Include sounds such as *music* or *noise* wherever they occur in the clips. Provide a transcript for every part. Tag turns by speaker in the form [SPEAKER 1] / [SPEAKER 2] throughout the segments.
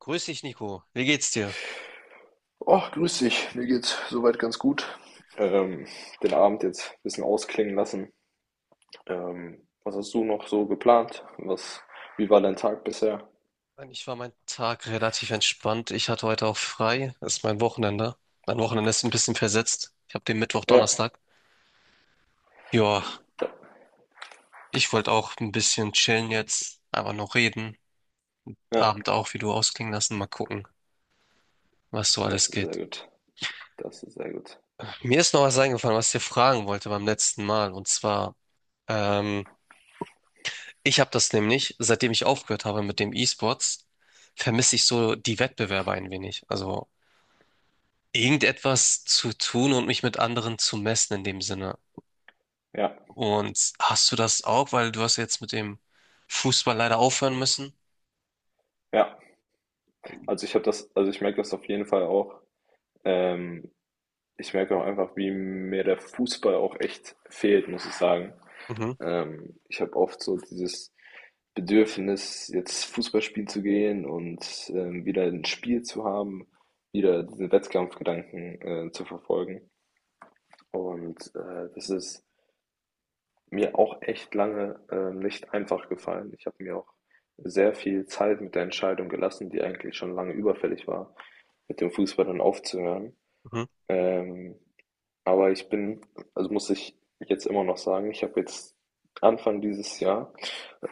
[SPEAKER 1] Grüß dich, Nico. Wie geht's dir?
[SPEAKER 2] Och, grüß dich. Mir geht's soweit ganz gut. Ähm, Den Abend jetzt ein bisschen ausklingen lassen. Was hast du noch so geplant? Wie war dein Tag bisher?
[SPEAKER 1] Eigentlich war mein Tag relativ entspannt. Ich hatte heute auch frei. Das ist mein Wochenende. Mein Wochenende ist ein bisschen versetzt. Ich habe den Mittwoch,
[SPEAKER 2] Ja,
[SPEAKER 1] Donnerstag. Ja,
[SPEAKER 2] da,
[SPEAKER 1] ich wollte auch ein bisschen chillen jetzt, aber noch reden.
[SPEAKER 2] ja,
[SPEAKER 1] Abend auch, wie du ausklingen lassen. Mal gucken, was so
[SPEAKER 2] das
[SPEAKER 1] alles
[SPEAKER 2] ist sehr
[SPEAKER 1] geht.
[SPEAKER 2] gut. Das ist sehr gut.
[SPEAKER 1] Mir ist noch was eingefallen, was ich dir fragen wollte beim letzten Mal. Und zwar, ähm, ich habe das nämlich, seitdem ich aufgehört habe mit dem E-Sports, vermisse ich so die Wettbewerbe ein wenig. Also irgendetwas zu tun und mich mit anderen zu messen in dem Sinne.
[SPEAKER 2] Ja,
[SPEAKER 1] Und hast du das auch, weil du hast jetzt mit dem Fußball leider aufhören müssen?
[SPEAKER 2] ja. Also ich habe das, also ich merke das auf jeden Fall auch. Ähm, Ich merke auch einfach, wie mir der Fußball auch echt fehlt, muss ich sagen.
[SPEAKER 1] Mhm,
[SPEAKER 2] Ich habe oft so dieses Bedürfnis, jetzt Fußball spielen zu gehen und wieder ein Spiel zu haben, wieder diese Wettkampfgedanken zu verfolgen. Und das ist mir auch echt lange nicht einfach gefallen. Ich habe mir auch sehr viel Zeit mit der Entscheidung gelassen, die eigentlich schon lange überfällig war, mit dem Fußball dann aufzuhören.
[SPEAKER 1] mhm,
[SPEAKER 2] Ähm, aber ich bin, also muss ich jetzt immer noch sagen, ich habe jetzt Anfang dieses Jahr,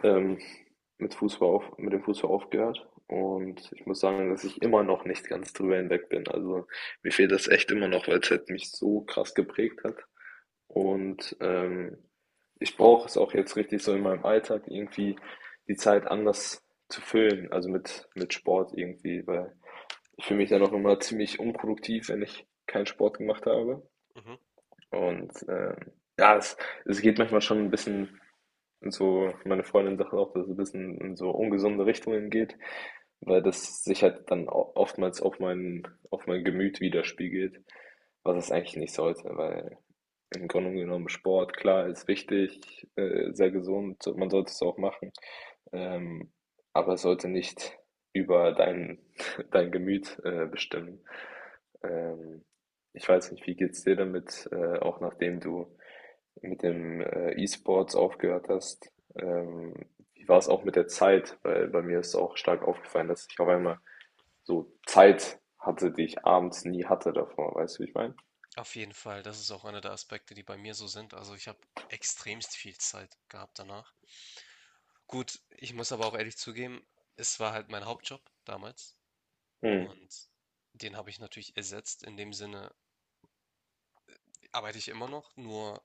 [SPEAKER 2] ähm, mit Fußball auf mit dem Fußball aufgehört und ich muss sagen, dass ich immer noch nicht ganz drüber hinweg bin. Also, mir fehlt das echt immer noch, weil es halt mich so krass geprägt hat. Und, ich brauche es auch jetzt richtig so in meinem Alltag irgendwie die Zeit anders zu füllen, also mit Sport irgendwie, weil ich fühle mich dann auch immer ziemlich unproduktiv, wenn ich keinen Sport gemacht habe.
[SPEAKER 1] mhm.
[SPEAKER 2] Und, ja, es geht manchmal schon ein bisschen in so, meine Freundin sagt auch, dass es ein bisschen in so ungesunde Richtungen geht, weil das sich halt dann o oftmals auf mein, auf mein Gemüt widerspiegelt, was es eigentlich nicht sollte, weil im Grunde genommen Sport, klar, ist wichtig, sehr gesund, so- man sollte es auch machen, ähm, aber es sollte nicht über dein, *laughs* dein Gemüt bestimmen. Ähm, Ich weiß nicht, wie geht's dir damit, auch nachdem du mit dem E-Sports aufgehört hast? Wie war es auch mit der Zeit? Weil bei mir ist auch stark aufgefallen, dass ich auf einmal so Zeit hatte, die ich abends nie hatte davor, weißt du, wie ich meine?
[SPEAKER 1] Auf jeden Fall, das ist auch einer der Aspekte, die bei mir so sind. Also ich habe extremst viel Zeit gehabt danach. Gut, ich muss aber auch ehrlich zugeben, es war halt mein Hauptjob damals
[SPEAKER 2] Hm.
[SPEAKER 1] und den habe ich natürlich ersetzt. In dem Sinne arbeite ich immer noch, nur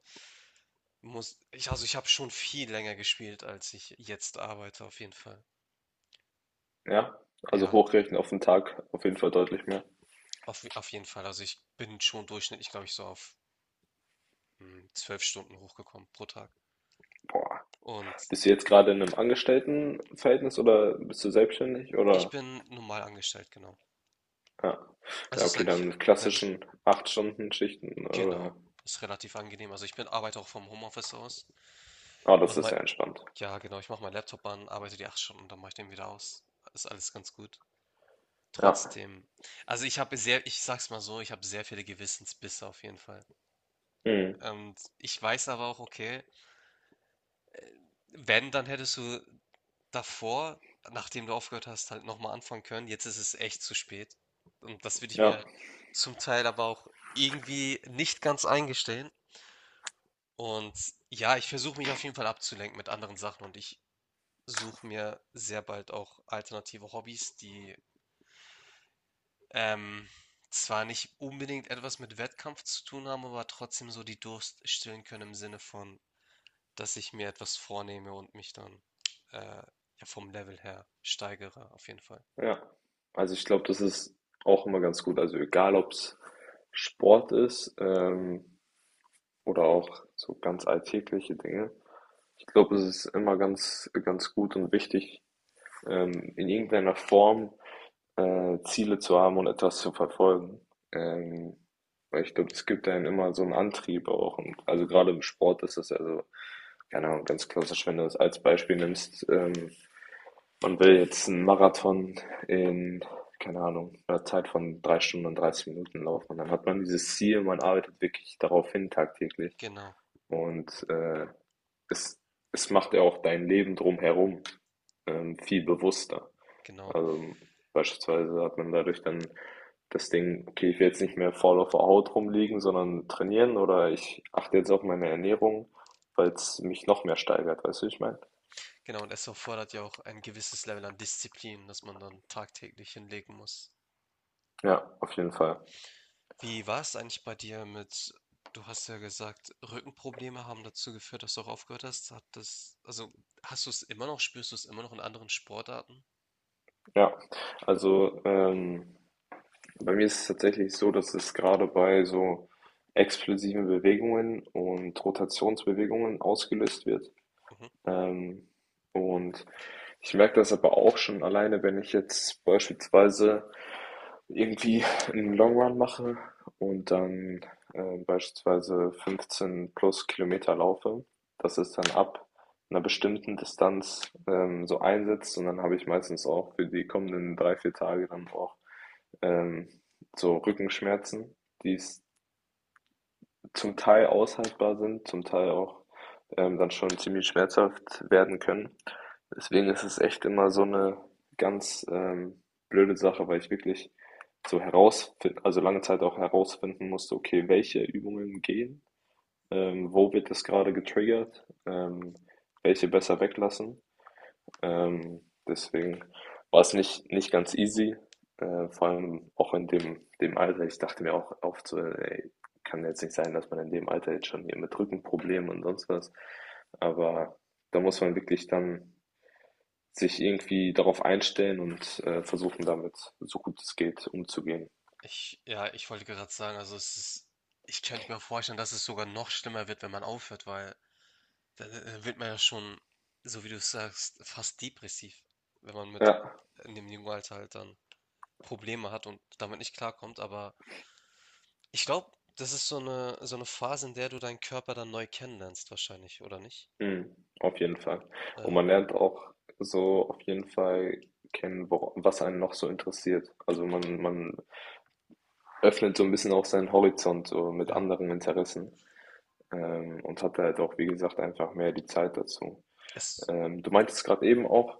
[SPEAKER 1] muss ich, also ich habe schon viel länger gespielt, als ich jetzt arbeite, auf jeden Fall.
[SPEAKER 2] Ja, also
[SPEAKER 1] Ja,
[SPEAKER 2] hochrechnen auf den Tag auf jeden Fall deutlich mehr.
[SPEAKER 1] auf jeden Fall. Also ich bin schon durchschnittlich, glaube ich, so auf 12 Stunden hochgekommen pro Tag.
[SPEAKER 2] Boah.
[SPEAKER 1] Und
[SPEAKER 2] Bist du jetzt gerade in einem Angestelltenverhältnis oder bist du selbstständig
[SPEAKER 1] ich
[SPEAKER 2] oder?
[SPEAKER 1] bin normal angestellt, genau.
[SPEAKER 2] Ja,
[SPEAKER 1] Also
[SPEAKER 2] ja,
[SPEAKER 1] es ist
[SPEAKER 2] okay,
[SPEAKER 1] eigentlich
[SPEAKER 2] dann mit klassischen acht Stunden Schichten
[SPEAKER 1] genau,
[SPEAKER 2] oder?
[SPEAKER 1] ist relativ angenehm. Also ich bin arbeite auch vom Homeoffice aus.
[SPEAKER 2] Ah,
[SPEAKER 1] Mach
[SPEAKER 2] das ist
[SPEAKER 1] mal,
[SPEAKER 2] sehr entspannt.
[SPEAKER 1] ja genau, ich mache meinen Laptop an, arbeite die 8 Stunden, dann mache ich den wieder aus. Ist alles ganz gut.
[SPEAKER 2] Ja.
[SPEAKER 1] Trotzdem, also ich sag's mal so, ich habe sehr viele Gewissensbisse auf jeden Fall.
[SPEAKER 2] Mhm.
[SPEAKER 1] Und ich weiß aber auch, okay, wenn, dann hättest du davor, nachdem du aufgehört hast, halt nochmal anfangen können. Jetzt ist es echt zu spät. Und das würde ich mir
[SPEAKER 2] Ja,
[SPEAKER 1] zum Teil aber auch irgendwie nicht ganz eingestehen. Und ja, ich versuche mich auf jeden Fall abzulenken mit anderen Sachen und ich suche mir sehr bald auch alternative Hobbys, die ähm, zwar nicht unbedingt etwas mit Wettkampf zu tun haben, aber trotzdem so die Durst stillen können im Sinne von dass ich mir etwas vornehme und mich dann ja, vom Level her steigere, auf jeden Fall.
[SPEAKER 2] ja. Also ich glaube, das ist auch immer ganz gut. Also egal, ob es Sport ist, oder auch so ganz alltägliche Dinge. Ich glaube, es ist immer ganz, ganz gut und wichtig, in irgendeiner Form Ziele zu haben und etwas zu verfolgen. Ähm, Weil ich glaube, es gibt einem immer so einen Antrieb auch. Und also gerade im Sport ist das, also, keine Ahnung, ganz klassisch, wenn du es als Beispiel nimmst, man will jetzt einen Marathon in, keine Ahnung, einer Zeit von drei Stunden und 30 Minuten laufen. Und dann hat man dieses Ziel, man arbeitet wirklich darauf hin tagtäglich.
[SPEAKER 1] Genau,
[SPEAKER 2] Und es, es macht ja auch dein Leben drumherum viel bewusster.
[SPEAKER 1] genau,
[SPEAKER 2] Also, beispielsweise hat man dadurch dann das Ding, okay, ich will jetzt nicht mehr faul auf der Haut rumliegen, sondern trainieren, oder ich achte jetzt auf meine Ernährung, weil es mich noch mehr steigert, weißt du, wie ich meine?
[SPEAKER 1] genau. Und es erfordert ja auch ein gewisses Level an Disziplin, das man dann tagtäglich hinlegen muss.
[SPEAKER 2] Ja, auf jeden Fall.
[SPEAKER 1] Wie war es eigentlich bei dir mit, du hast ja gesagt, Rückenprobleme haben dazu geführt, dass du auch aufgehört hast. Hat das, also hast du es immer noch, spürst du es immer noch in anderen Sportarten?
[SPEAKER 2] Ja, also bei mir ist es tatsächlich so, dass es gerade bei so explosiven Bewegungen und Rotationsbewegungen ausgelöst wird.
[SPEAKER 1] Mhm.
[SPEAKER 2] Ähm, und ich merke das aber auch schon alleine, wenn ich jetzt beispielsweise irgendwie einen Long Run mache und dann beispielsweise 15 plus Kilometer laufe. Das ist dann ab einer bestimmten Distanz so einsetzt und dann habe ich meistens auch für die kommenden drei, vier Tage dann auch ähm, so Rückenschmerzen, die es zum Teil aushaltbar sind, zum Teil auch dann schon ziemlich schmerzhaft werden können. Deswegen ist es echt immer so eine ganz blöde Sache, weil ich wirklich so herausfinden, also lange Zeit auch herausfinden musste, okay, welche Übungen gehen, wo wird das gerade getriggert, welche besser weglassen. Ähm, Deswegen war es nicht ganz easy, vor allem auch in dem Alter. Ich dachte mir auch oft so, ey, kann jetzt nicht sein, dass man in dem Alter jetzt schon hier mit Rückenproblemen und sonst was. Aber da muss man wirklich dann sich irgendwie darauf einstellen und versuchen, damit so gut es geht umzugehen.
[SPEAKER 1] Ja, ich wollte gerade sagen, also es ist, ich könnte mir vorstellen, dass es sogar noch schlimmer wird, wenn man aufhört, weil da wird man ja schon, so wie du es sagst, fast depressiv, wenn man mit
[SPEAKER 2] Ja,
[SPEAKER 1] in dem jungen Alter halt dann Probleme hat und damit nicht klarkommt. Aber ich glaube, das ist so eine Phase, in der du deinen Körper dann neu kennenlernst, wahrscheinlich, oder nicht?
[SPEAKER 2] mhm, auf jeden Fall. Und
[SPEAKER 1] Ja,
[SPEAKER 2] man lernt auch so auf jeden Fall kennen, wo, was einen noch so interessiert. Also man öffnet so ein bisschen auch seinen Horizont so mit
[SPEAKER 1] ja.
[SPEAKER 2] anderen Interessen, und hat halt auch, wie gesagt, einfach mehr die Zeit dazu.
[SPEAKER 1] Es,
[SPEAKER 2] Du meintest gerade eben auch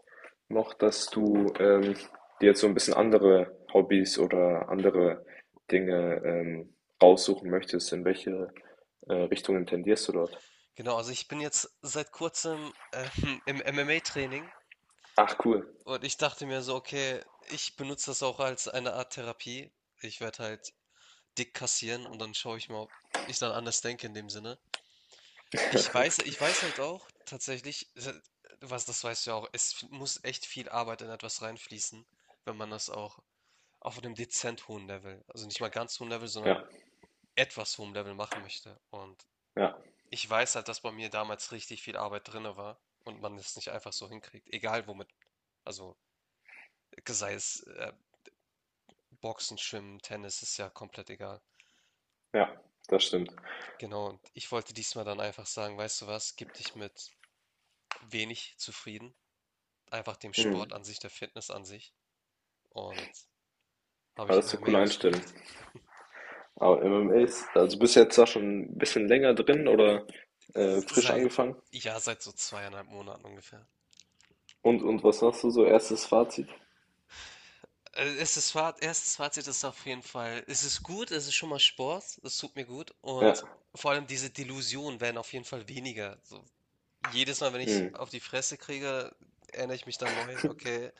[SPEAKER 2] noch, dass du dir jetzt so ein bisschen andere Hobbys oder andere Dinge raussuchen möchtest. In welche Richtungen tendierst du dort?
[SPEAKER 1] genau, also ich bin jetzt seit kurzem *laughs* im MMA-Training
[SPEAKER 2] Ach, cool.
[SPEAKER 1] und ich dachte mir so, okay, ich benutze das auch als eine Art Therapie. Ich werde halt dick kassieren und dann schaue ich mal, ob ich dann anders denke in dem Sinne. Ich
[SPEAKER 2] *laughs*
[SPEAKER 1] weiß ich weiß halt auch tatsächlich, se was das, weißt du ja auch, es f muss echt viel Arbeit in etwas reinfließen, wenn man das auch auf einem dezent hohen Level, also nicht mal ganz hohen Level, sondern
[SPEAKER 2] Ja,
[SPEAKER 1] etwas hohem Level machen möchte. Und
[SPEAKER 2] ja,
[SPEAKER 1] ich weiß halt, dass bei mir damals richtig viel Arbeit drinne war und man es nicht einfach so hinkriegt, egal womit. Also, sei es, Boxen, Schwimmen, Tennis, ist ja komplett egal.
[SPEAKER 2] ja, das stimmt.
[SPEAKER 1] Genau, und ich wollte diesmal dann einfach sagen: „Weißt du was, gib dich mit wenig zufrieden.“ Einfach dem Sport
[SPEAKER 2] Mhm.
[SPEAKER 1] an sich, der Fitness an sich, und habe
[SPEAKER 2] Aber
[SPEAKER 1] ich
[SPEAKER 2] das ist eine
[SPEAKER 1] MMA
[SPEAKER 2] coole Einstellung.
[SPEAKER 1] ausgewählt.
[SPEAKER 2] Aber MMA ist, also bist du jetzt da schon ein bisschen länger drin oder frisch
[SPEAKER 1] Seit,
[SPEAKER 2] angefangen?
[SPEAKER 1] ja, seit so zweieinhalb Monaten ungefähr.
[SPEAKER 2] Und was sagst du so, erstes Fazit?
[SPEAKER 1] Erstes Fazit ist auf jeden Fall, es ist gut, es ist schon mal Sport, es tut mir gut und
[SPEAKER 2] Ja,
[SPEAKER 1] vor allem diese Delusionen werden auf jeden Fall weniger. So, jedes Mal, wenn ich
[SPEAKER 2] mhm.
[SPEAKER 1] auf die Fresse kriege, erinnere ich mich dann neu, okay,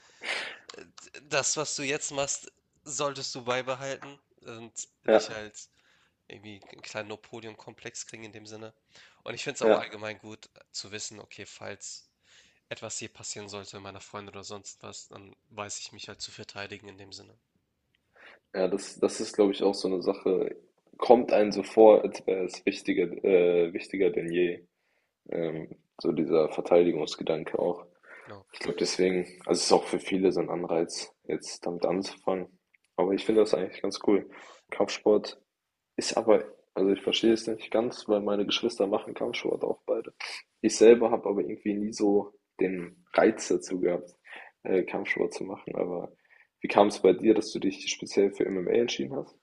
[SPEAKER 1] das, was du jetzt machst, solltest du beibehalten und
[SPEAKER 2] Ja,
[SPEAKER 1] nicht halt irgendwie einen kleinen Napoleon-Komplex kriegen in dem Sinne. Und ich finde es auch
[SPEAKER 2] ja.
[SPEAKER 1] allgemein gut zu wissen, okay, falls etwas hier passieren sollte, meiner Freundin oder sonst was, dann weiß ich mich halt zu verteidigen in dem Sinne.
[SPEAKER 2] Ja, das ist, glaube ich, auch so eine Sache, kommt einem so vor, als wäre es wichtiger denn je, ähm, so dieser Verteidigungsgedanke auch.
[SPEAKER 1] Genau.
[SPEAKER 2] Ich glaube deswegen, also, es ist auch für viele so ein Anreiz, jetzt damit anzufangen. Aber ich finde das eigentlich ganz cool. Kampfsport ist aber, also ich verstehe es nicht ganz, weil meine Geschwister machen Kampfsport auch beide. Ich
[SPEAKER 1] Mhm.
[SPEAKER 2] selber habe aber irgendwie nie so den Reiz dazu gehabt, Kampfsport zu machen. Aber wie kam es bei dir, dass du dich speziell für MMA entschieden hast?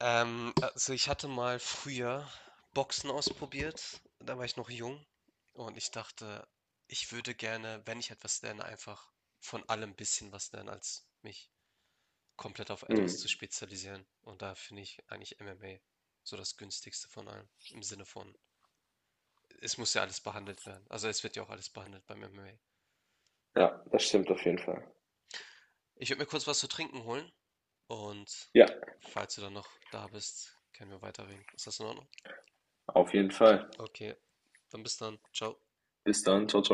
[SPEAKER 1] Also ich hatte mal früher Boxen ausprobiert, da war ich noch jung und ich dachte, ich würde gerne, wenn ich etwas lerne, einfach von allem ein bisschen was lernen, als mich komplett auf
[SPEAKER 2] Hm.
[SPEAKER 1] etwas zu spezialisieren. Und da finde ich eigentlich MMA so das günstigste von allem. Im Sinne von, es muss ja alles behandelt werden. Also es wird ja auch alles behandelt beim MMA.
[SPEAKER 2] Ja, das stimmt auf jeden Fall.
[SPEAKER 1] Ich würde mir kurz was zu trinken holen und
[SPEAKER 2] Ja,
[SPEAKER 1] falls du dann noch da bist, können wir weiterreden. Ist das in Ordnung?
[SPEAKER 2] auf jeden Fall.
[SPEAKER 1] Okay, dann bis dann. Ciao.
[SPEAKER 2] Bis dann. Ciao, ciao.